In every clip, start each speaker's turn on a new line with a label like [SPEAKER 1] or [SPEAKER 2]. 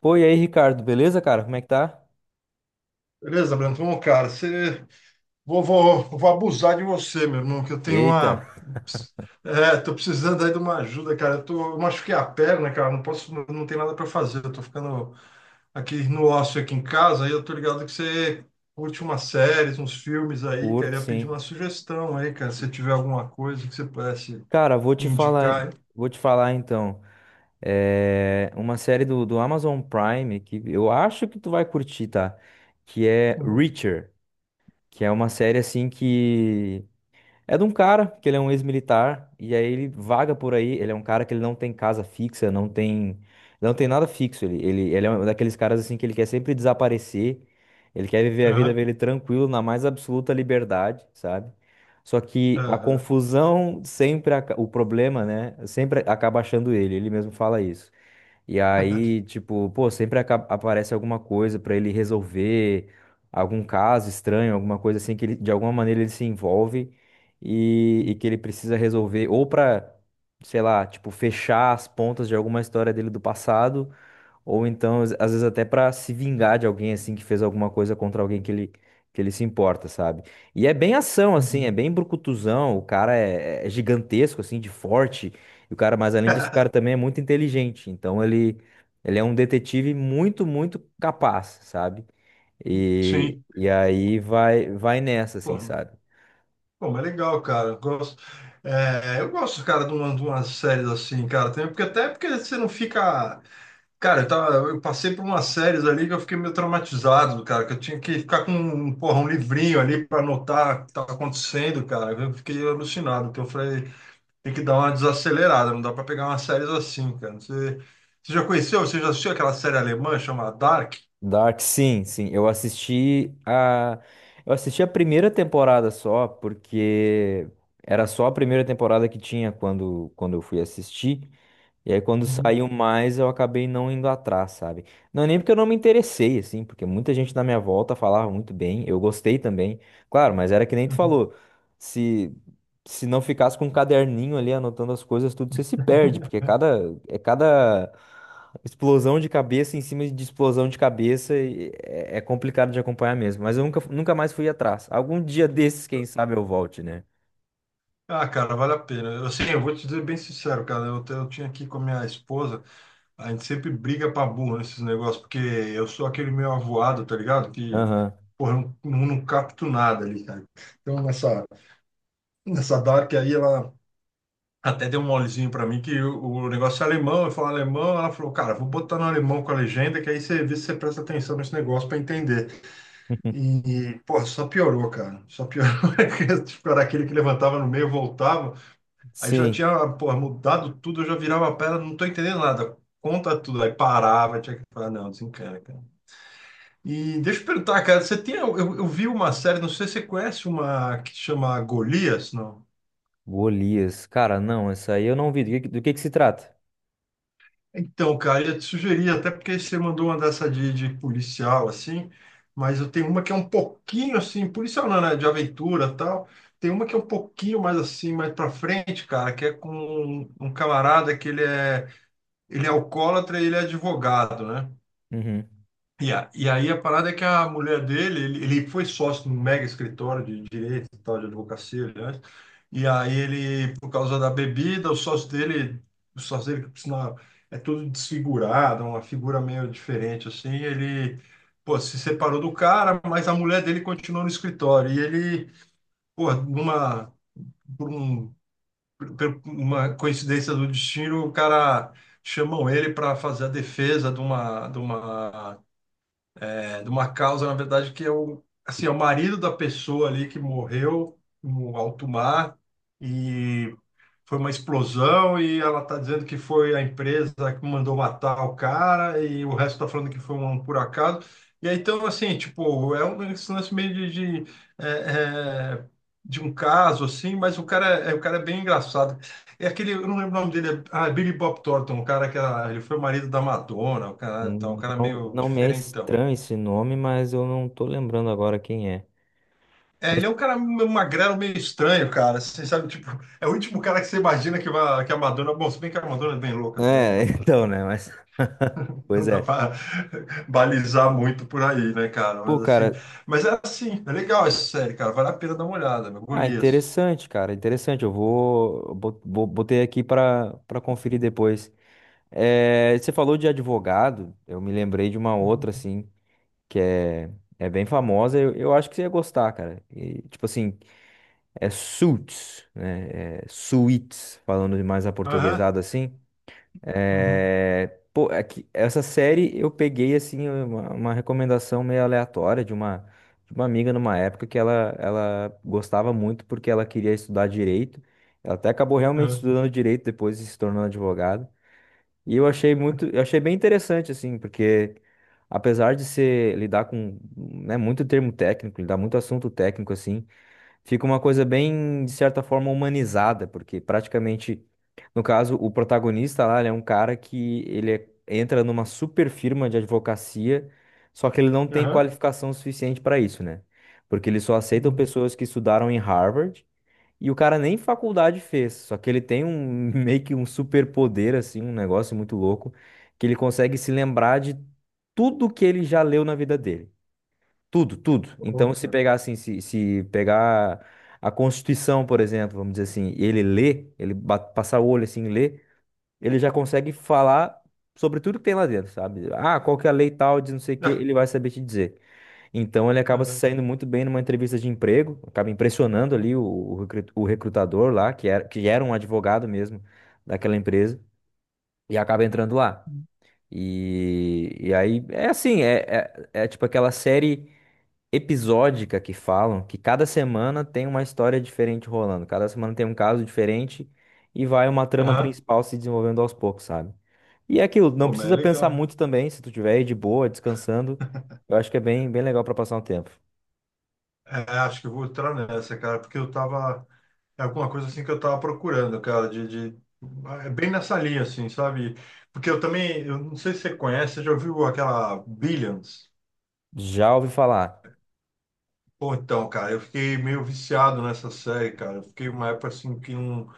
[SPEAKER 1] Pô, e aí, Ricardo, beleza, cara? Como é que tá?
[SPEAKER 2] Beleza, Brandon? Bom, cara, você... vou abusar de você, meu irmão, que eu tenho
[SPEAKER 1] Eita,
[SPEAKER 2] uma. É, tô precisando aí de uma ajuda, cara. Eu, tô... eu machuquei a perna, cara. Não posso, não, não tem nada para fazer. Eu tô ficando aqui no ócio aqui em casa, aí eu tô ligado que você curte umas séries, uns filmes aí, cara.
[SPEAKER 1] curto,
[SPEAKER 2] Eu ia pedir
[SPEAKER 1] sim.
[SPEAKER 2] uma sugestão aí, cara. Se tiver alguma coisa que você pudesse
[SPEAKER 1] Cara,
[SPEAKER 2] me indicar aí.
[SPEAKER 1] vou te falar então. É uma série do Amazon Prime que eu acho que tu vai curtir, tá? Que é
[SPEAKER 2] Uhum.
[SPEAKER 1] Reacher, que é uma série assim que é de um cara que ele é um ex-militar e aí ele vaga por aí. Ele é um cara que ele não tem casa fixa, não tem, não tem nada fixo. Ele é um daqueles caras assim que ele quer sempre desaparecer. Ele quer viver a vida
[SPEAKER 2] Aham,
[SPEAKER 1] dele tranquilo, na mais absoluta liberdade, sabe? Só que a
[SPEAKER 2] aham.
[SPEAKER 1] confusão sempre, o problema, né? Sempre acaba achando ele. Ele mesmo fala isso. E aí, tipo, pô, sempre aparece alguma coisa pra ele resolver, algum caso estranho, alguma coisa assim que ele, de alguma maneira ele se envolve e que ele precisa resolver, ou pra, sei lá, tipo, fechar as pontas de alguma história dele do passado, ou então, às vezes, até pra se vingar de alguém, assim, que fez alguma coisa contra alguém que ele se importa, sabe? E é bem ação, assim, é
[SPEAKER 2] Uhum.
[SPEAKER 1] bem brucutuzão. O cara é, é gigantesco, assim, de forte. E o cara, mas além disso, o cara também é muito inteligente. Então, ele é um detetive muito, muito capaz, sabe? E,
[SPEAKER 2] Sim.
[SPEAKER 1] e aí vai, vai nessa,
[SPEAKER 2] Pô,
[SPEAKER 1] assim, sabe?
[SPEAKER 2] Pô, mas legal, cara. Eu gosto, é, eu gosto, cara, de uma, de umas séries assim, cara, também, porque até porque você não fica. Cara, eu, eu passei por umas séries ali que eu fiquei meio traumatizado, cara, que eu tinha que ficar com um, porra, um livrinho ali para anotar o que estava acontecendo, cara. Eu fiquei alucinado, que eu falei, tem que dar uma desacelerada, não dá para pegar umas séries assim, cara. Você, você já conheceu, você já assistiu aquela série alemã chamada Dark?
[SPEAKER 1] Dark, sim, sim. Eu assisti a. Eu assisti a primeira temporada só, porque era só a primeira temporada que tinha quando eu fui assistir. E aí, quando
[SPEAKER 2] Uhum,
[SPEAKER 1] saiu mais, eu acabei não indo atrás, sabe? Não, é nem porque eu não me interessei, assim, porque muita gente na minha volta falava muito bem, eu gostei também. Claro, mas era que nem tu
[SPEAKER 2] uhum.
[SPEAKER 1] falou, se, se não ficasse com um caderninho ali anotando as coisas, tudo você se perde, porque é cada explosão de cabeça em cima de explosão de cabeça e é, é complicado de acompanhar mesmo. Mas eu nunca, nunca mais fui atrás. Algum dia desses, quem sabe eu volte, né?
[SPEAKER 2] Ah, cara, vale a pena. Eu, assim, eu vou te dizer bem sincero, cara. Eu, eu tinha aqui com a minha esposa, a gente sempre briga pra burro nesses negócios, porque eu sou aquele meio avoado, tá ligado? Que,
[SPEAKER 1] Aham.
[SPEAKER 2] porra, eu não, não capto nada ali, cara. Então, nessa Dark aí, ela até deu um molezinho pra mim, que o negócio é alemão, eu falo alemão, ela falou, cara, vou botar no alemão com a legenda, que aí você vê se você presta atenção nesse negócio pra entender. E, porra, só piorou, cara. Só piorou. Tipo, era aquele que levantava no meio, voltava. Aí já
[SPEAKER 1] Sim.
[SPEAKER 2] tinha, pô, mudado tudo, eu já virava a pedra, não tô entendendo nada. Conta tudo, aí parava, tinha que falar, não, desencana, cara. E deixa eu perguntar, cara, você tem, eu vi uma série, não sei se você conhece uma que chama Golias, não?
[SPEAKER 1] Golias. Cara, não, essa aí eu não vi. Do que que se trata?
[SPEAKER 2] Então, cara, eu ia te sugerir, até porque você mandou uma dessa de policial, assim, mas eu tenho uma que é um pouquinho, assim, policial não, né, de aventura e tal. Tem uma que é um pouquinho mais, assim, mais pra frente, cara, que é com um, um camarada que ele é alcoólatra e ele é advogado, né?
[SPEAKER 1] Uhum.
[SPEAKER 2] E, a, e aí a parada é que a mulher dele, ele foi sócio num mega escritório de direito e tal, de advocacia, aliás. E aí ele, por causa da bebida, o sócio dele, que por sinal é todo desfigurado, uma figura meio diferente, assim, ele, pô, se separou do cara, mas a mulher dele continuou no escritório. E ele, pô, numa, por um, por uma coincidência do destino, o cara chamam ele para fazer a defesa de uma é, de uma causa, na verdade, que é o, assim, é o marido da pessoa ali que morreu no alto mar e foi uma explosão e ela está dizendo que foi a empresa que mandou matar o cara e o resto está falando que foi um por acaso. E aí, então, assim, tipo, é um esse lance meio de, é, é, de um caso, assim, mas o cara é bem engraçado. É aquele, eu não lembro o nome dele, é, ah, é Billy Bob Thornton, o cara que era, ele foi o marido da Madonna, o cara, então, um cara
[SPEAKER 1] Não,
[SPEAKER 2] meio
[SPEAKER 1] não me é
[SPEAKER 2] diferentão.
[SPEAKER 1] estranho esse nome, mas eu não tô lembrando agora quem é.
[SPEAKER 2] É,
[SPEAKER 1] Mas,
[SPEAKER 2] ele é um cara meio magrelo, meio estranho, cara. Você sabe, tipo, é o último cara que você imagina que, vai, que a Madonna. Bom, se bem que a Madonna é bem louca também,
[SPEAKER 1] é, então, né? Mas,
[SPEAKER 2] não
[SPEAKER 1] pois
[SPEAKER 2] dá
[SPEAKER 1] é.
[SPEAKER 2] pra balizar muito por aí, né, cara?
[SPEAKER 1] Pô,
[SPEAKER 2] Mas assim.
[SPEAKER 1] cara,
[SPEAKER 2] Mas é assim, é legal essa série, cara. Vale a pena dar uma olhada, meu.
[SPEAKER 1] ah,
[SPEAKER 2] Golias.
[SPEAKER 1] interessante, cara, interessante. Eu vou, botei aqui para conferir depois. É, você falou de advogado, eu me lembrei de uma outra, assim, que é, é bem famosa. Eu acho que você ia gostar, cara. E, tipo assim, é suits, né? É suits, falando de mais
[SPEAKER 2] Aham.
[SPEAKER 1] aportuguesado assim.
[SPEAKER 2] Uhum.
[SPEAKER 1] É, pô, é que essa série eu peguei assim uma recomendação meio aleatória de uma amiga numa época que ela gostava muito porque ela queria estudar direito. Ela até acabou realmente
[SPEAKER 2] Aham.
[SPEAKER 1] estudando direito depois e se tornando advogada. E eu achei muito, eu achei bem interessante assim, porque apesar de ser lidar com, né, muito termo técnico, lidar muito assunto técnico assim, fica uma coisa bem, de certa forma, humanizada, porque praticamente, no caso, o protagonista lá, ele é um cara que entra numa super firma de advocacia, só que ele não tem
[SPEAKER 2] Aham.
[SPEAKER 1] qualificação suficiente para isso, né? Porque eles só aceitam
[SPEAKER 2] Uhum.
[SPEAKER 1] pessoas que estudaram em Harvard e o cara nem faculdade fez, só que ele tem um meio que um superpoder assim, um negócio muito louco, que ele consegue se lembrar de tudo que ele já leu na vida dele. Tudo, tudo.
[SPEAKER 2] Pô,
[SPEAKER 1] Então, se
[SPEAKER 2] cara.
[SPEAKER 1] pegar assim, se pegar a Constituição, por exemplo, vamos dizer assim, e ele lê, ele passar o olho assim, e lê, ele já consegue falar sobre tudo que tem lá dentro, sabe? Ah, qual que é a lei tal de não sei o quê,
[SPEAKER 2] Ah,
[SPEAKER 1] ele vai saber te dizer. Então, ele acaba se
[SPEAKER 2] aham.
[SPEAKER 1] saindo muito bem numa entrevista de emprego, acaba impressionando ali o o recrutador lá, que era um advogado mesmo daquela empresa, e acaba entrando lá. E aí, é assim, é, é tipo aquela série episódica que falam, que cada semana tem uma história diferente rolando, cada semana tem um caso diferente e vai uma trama
[SPEAKER 2] Aham.
[SPEAKER 1] principal se desenvolvendo aos poucos, sabe? E é aquilo, não
[SPEAKER 2] Pô, mas é
[SPEAKER 1] precisa pensar
[SPEAKER 2] legal, hein?
[SPEAKER 1] muito também, se tu tiver aí de boa, descansando, eu acho que é bem, bem legal pra passar um tempo.
[SPEAKER 2] É, acho que eu vou entrar nessa, cara, porque eu tava. É alguma coisa assim que eu tava procurando, cara, de... É bem nessa linha, assim, sabe? Porque eu também, eu não sei se você conhece, você já ouviu aquela Billions?
[SPEAKER 1] Já ouvi falar.
[SPEAKER 2] Pô, então, cara, eu fiquei meio viciado nessa série, cara. Eu fiquei uma época assim que não,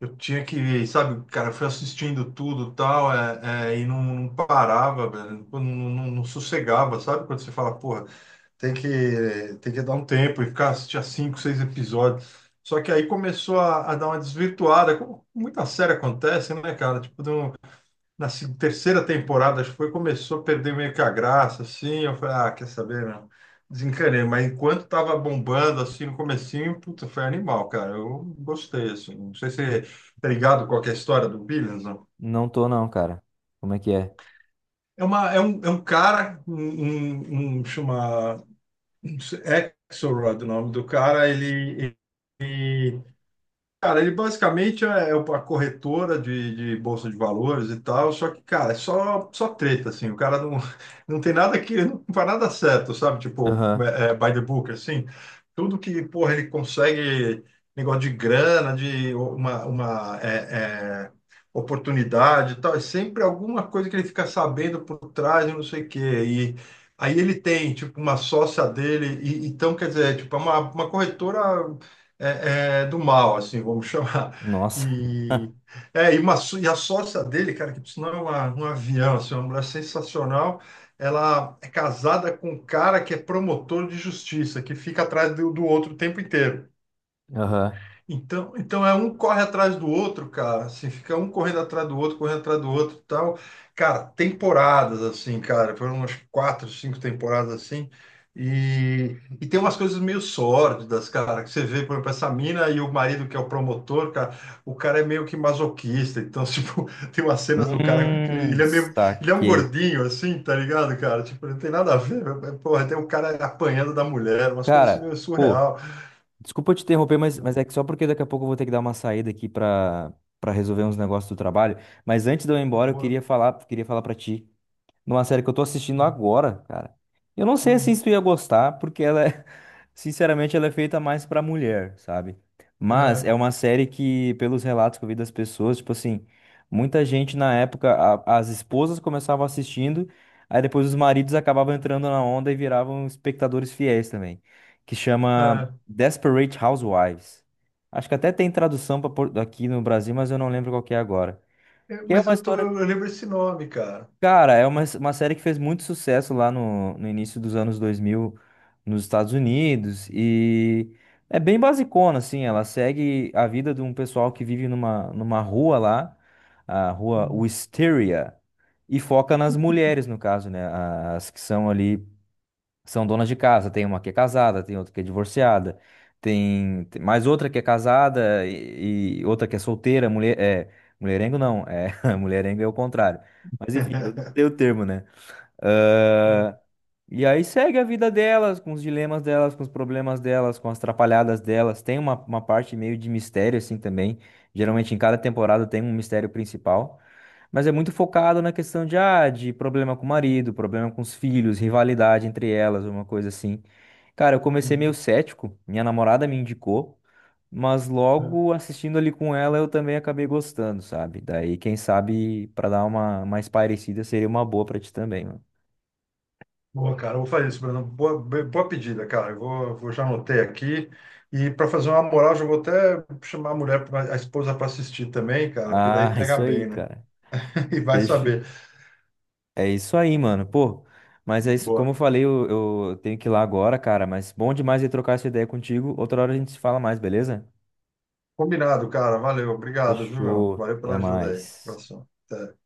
[SPEAKER 2] eu tinha que, sabe, cara, eu fui assistindo tudo e tal, é, é, e não, não parava, velho, não, não, não sossegava, sabe? Quando você fala, porra, Tem que, tem que dar um tempo e ficar assistir a cinco, seis episódios. Só que aí começou a dar uma desvirtuada, como muita série acontece, né, cara? Tipo, na se- terceira temporada, acho que foi, começou a perder meio que a graça, assim. Eu falei, ah, quer saber, meu? Desencanei. Mas enquanto tava bombando, assim, no comecinho, puta, foi animal, cara. Eu gostei, assim. Não sei se tá ligado com a história do Billions, não.
[SPEAKER 1] Não tô não, cara. Como é que é?
[SPEAKER 2] É, uma, é um cara, um, um chama um Axelrod, o nome do cara, ele cara, ele basicamente é uma corretora de bolsa de valores e tal, só que, cara, é só, só treta, assim, o cara não, não tem nada que, não faz nada certo, sabe? Tipo,
[SPEAKER 1] Aham.
[SPEAKER 2] é, é, by the book, assim, tudo que, porra, ele consegue, negócio de grana, de uma é, é, oportunidade e tal, é sempre alguma coisa que ele fica sabendo por trás e não sei o quê, e aí ele tem, tipo, uma sócia dele, e, então, quer dizer, tipo, é uma corretora é, é, do mal, assim, vamos chamar.
[SPEAKER 1] Nossa.
[SPEAKER 2] E, é, e, uma, e a sócia dele, cara, que por sinal é uma, um avião, assim, uma mulher sensacional, ela é casada com um cara que é promotor de justiça, que fica atrás do, do outro o tempo inteiro.
[SPEAKER 1] Aham.
[SPEAKER 2] Então, então é um corre atrás do outro, cara. Assim, fica um correndo atrás do outro, correndo atrás do outro, e tal. Cara, temporadas assim, cara, foram umas quatro, cinco temporadas assim. E tem umas coisas meio sórdidas, cara, que você vê, por exemplo, essa mina e o marido que é o promotor, cara, o cara é meio que masoquista, então, tipo, tem umas cenas do cara com aquele, ele é meio, ele é um
[SPEAKER 1] Saquei.
[SPEAKER 2] gordinho, assim, tá ligado, cara? Tipo, não tem nada a ver, mas, porra, tem o cara apanhando da mulher, umas coisas assim
[SPEAKER 1] Cara,
[SPEAKER 2] meio
[SPEAKER 1] pô,
[SPEAKER 2] surreal.
[SPEAKER 1] desculpa te interromper, mas é que só porque daqui a pouco eu vou ter que dar uma saída aqui para resolver uns negócios do trabalho. Mas antes de eu ir embora, eu
[SPEAKER 2] Boa.
[SPEAKER 1] queria falar para ti numa série que eu tô assistindo
[SPEAKER 2] Uhum.
[SPEAKER 1] agora, cara. Eu não sei assim
[SPEAKER 2] Uhum.
[SPEAKER 1] se tu ia gostar, porque ela é, sinceramente, ela é feita mais pra mulher, sabe? Mas é
[SPEAKER 2] É.
[SPEAKER 1] uma série que, pelos relatos que eu vi das pessoas, tipo assim, muita gente na época, as esposas começavam assistindo, aí depois os maridos acabavam entrando na onda e viravam espectadores fiéis também, que chama
[SPEAKER 2] Ah,
[SPEAKER 1] Desperate Housewives. Acho que até tem tradução pra aqui no Brasil, mas eu não lembro qual que é agora.
[SPEAKER 2] é,
[SPEAKER 1] Que é
[SPEAKER 2] mas
[SPEAKER 1] uma
[SPEAKER 2] eu tô, eu
[SPEAKER 1] história.
[SPEAKER 2] lembro esse nome, cara.
[SPEAKER 1] Cara, é uma série que fez muito sucesso lá no início dos anos 2000 nos Estados Unidos e é bem basicona, assim, ela segue a vida de um pessoal que vive numa, numa rua lá, a rua
[SPEAKER 2] Hum.
[SPEAKER 1] Wisteria, e foca nas mulheres, no caso, né, as que são ali são donas de casa. Tem uma que é casada, tem outra que é divorciada, tem, tem mais outra que é casada e outra que é solteira. Mulher, é, mulherengo não, é, mulherengo é o contrário. Mas enfim, eu não sei o termo, né?
[SPEAKER 2] É,
[SPEAKER 1] E aí segue a vida delas, com os dilemas delas, com os problemas delas, com as atrapalhadas delas. Tem uma parte meio de mistério, assim, também. Geralmente em cada temporada tem um mistério principal. Mas é muito focado na questão de, ah, de problema com o marido, problema com os filhos, rivalidade entre elas, uma coisa assim. Cara, eu comecei meio
[SPEAKER 2] hum.
[SPEAKER 1] cético, minha namorada me indicou, mas
[SPEAKER 2] É.
[SPEAKER 1] logo assistindo ali com ela eu também acabei gostando, sabe? Daí, quem sabe, pra dar uma mais parecida, seria uma boa pra ti também, mano.
[SPEAKER 2] Boa, cara. Eu vou fazer isso, Bruno. Boa, boa pedida, cara. Eu vou, vou já anotei aqui. E para fazer uma moral, já vou até chamar a mulher, a esposa para assistir também, cara, porque daí
[SPEAKER 1] Ah,
[SPEAKER 2] pega
[SPEAKER 1] isso aí,
[SPEAKER 2] bem, né?
[SPEAKER 1] cara.
[SPEAKER 2] E vai
[SPEAKER 1] Deixa-
[SPEAKER 2] saber.
[SPEAKER 1] é isso aí, mano. Pô, mas é isso, como
[SPEAKER 2] Boa.
[SPEAKER 1] eu falei, eu tenho que ir lá agora, cara. Mas bom demais de trocar essa ideia contigo. Outra hora a gente se fala mais, beleza?
[SPEAKER 2] Combinado, cara. Valeu. Obrigado, viu, meu?
[SPEAKER 1] Fechou.
[SPEAKER 2] Valeu
[SPEAKER 1] Até
[SPEAKER 2] pela ajuda aí.
[SPEAKER 1] mais.
[SPEAKER 2] Abração. Até.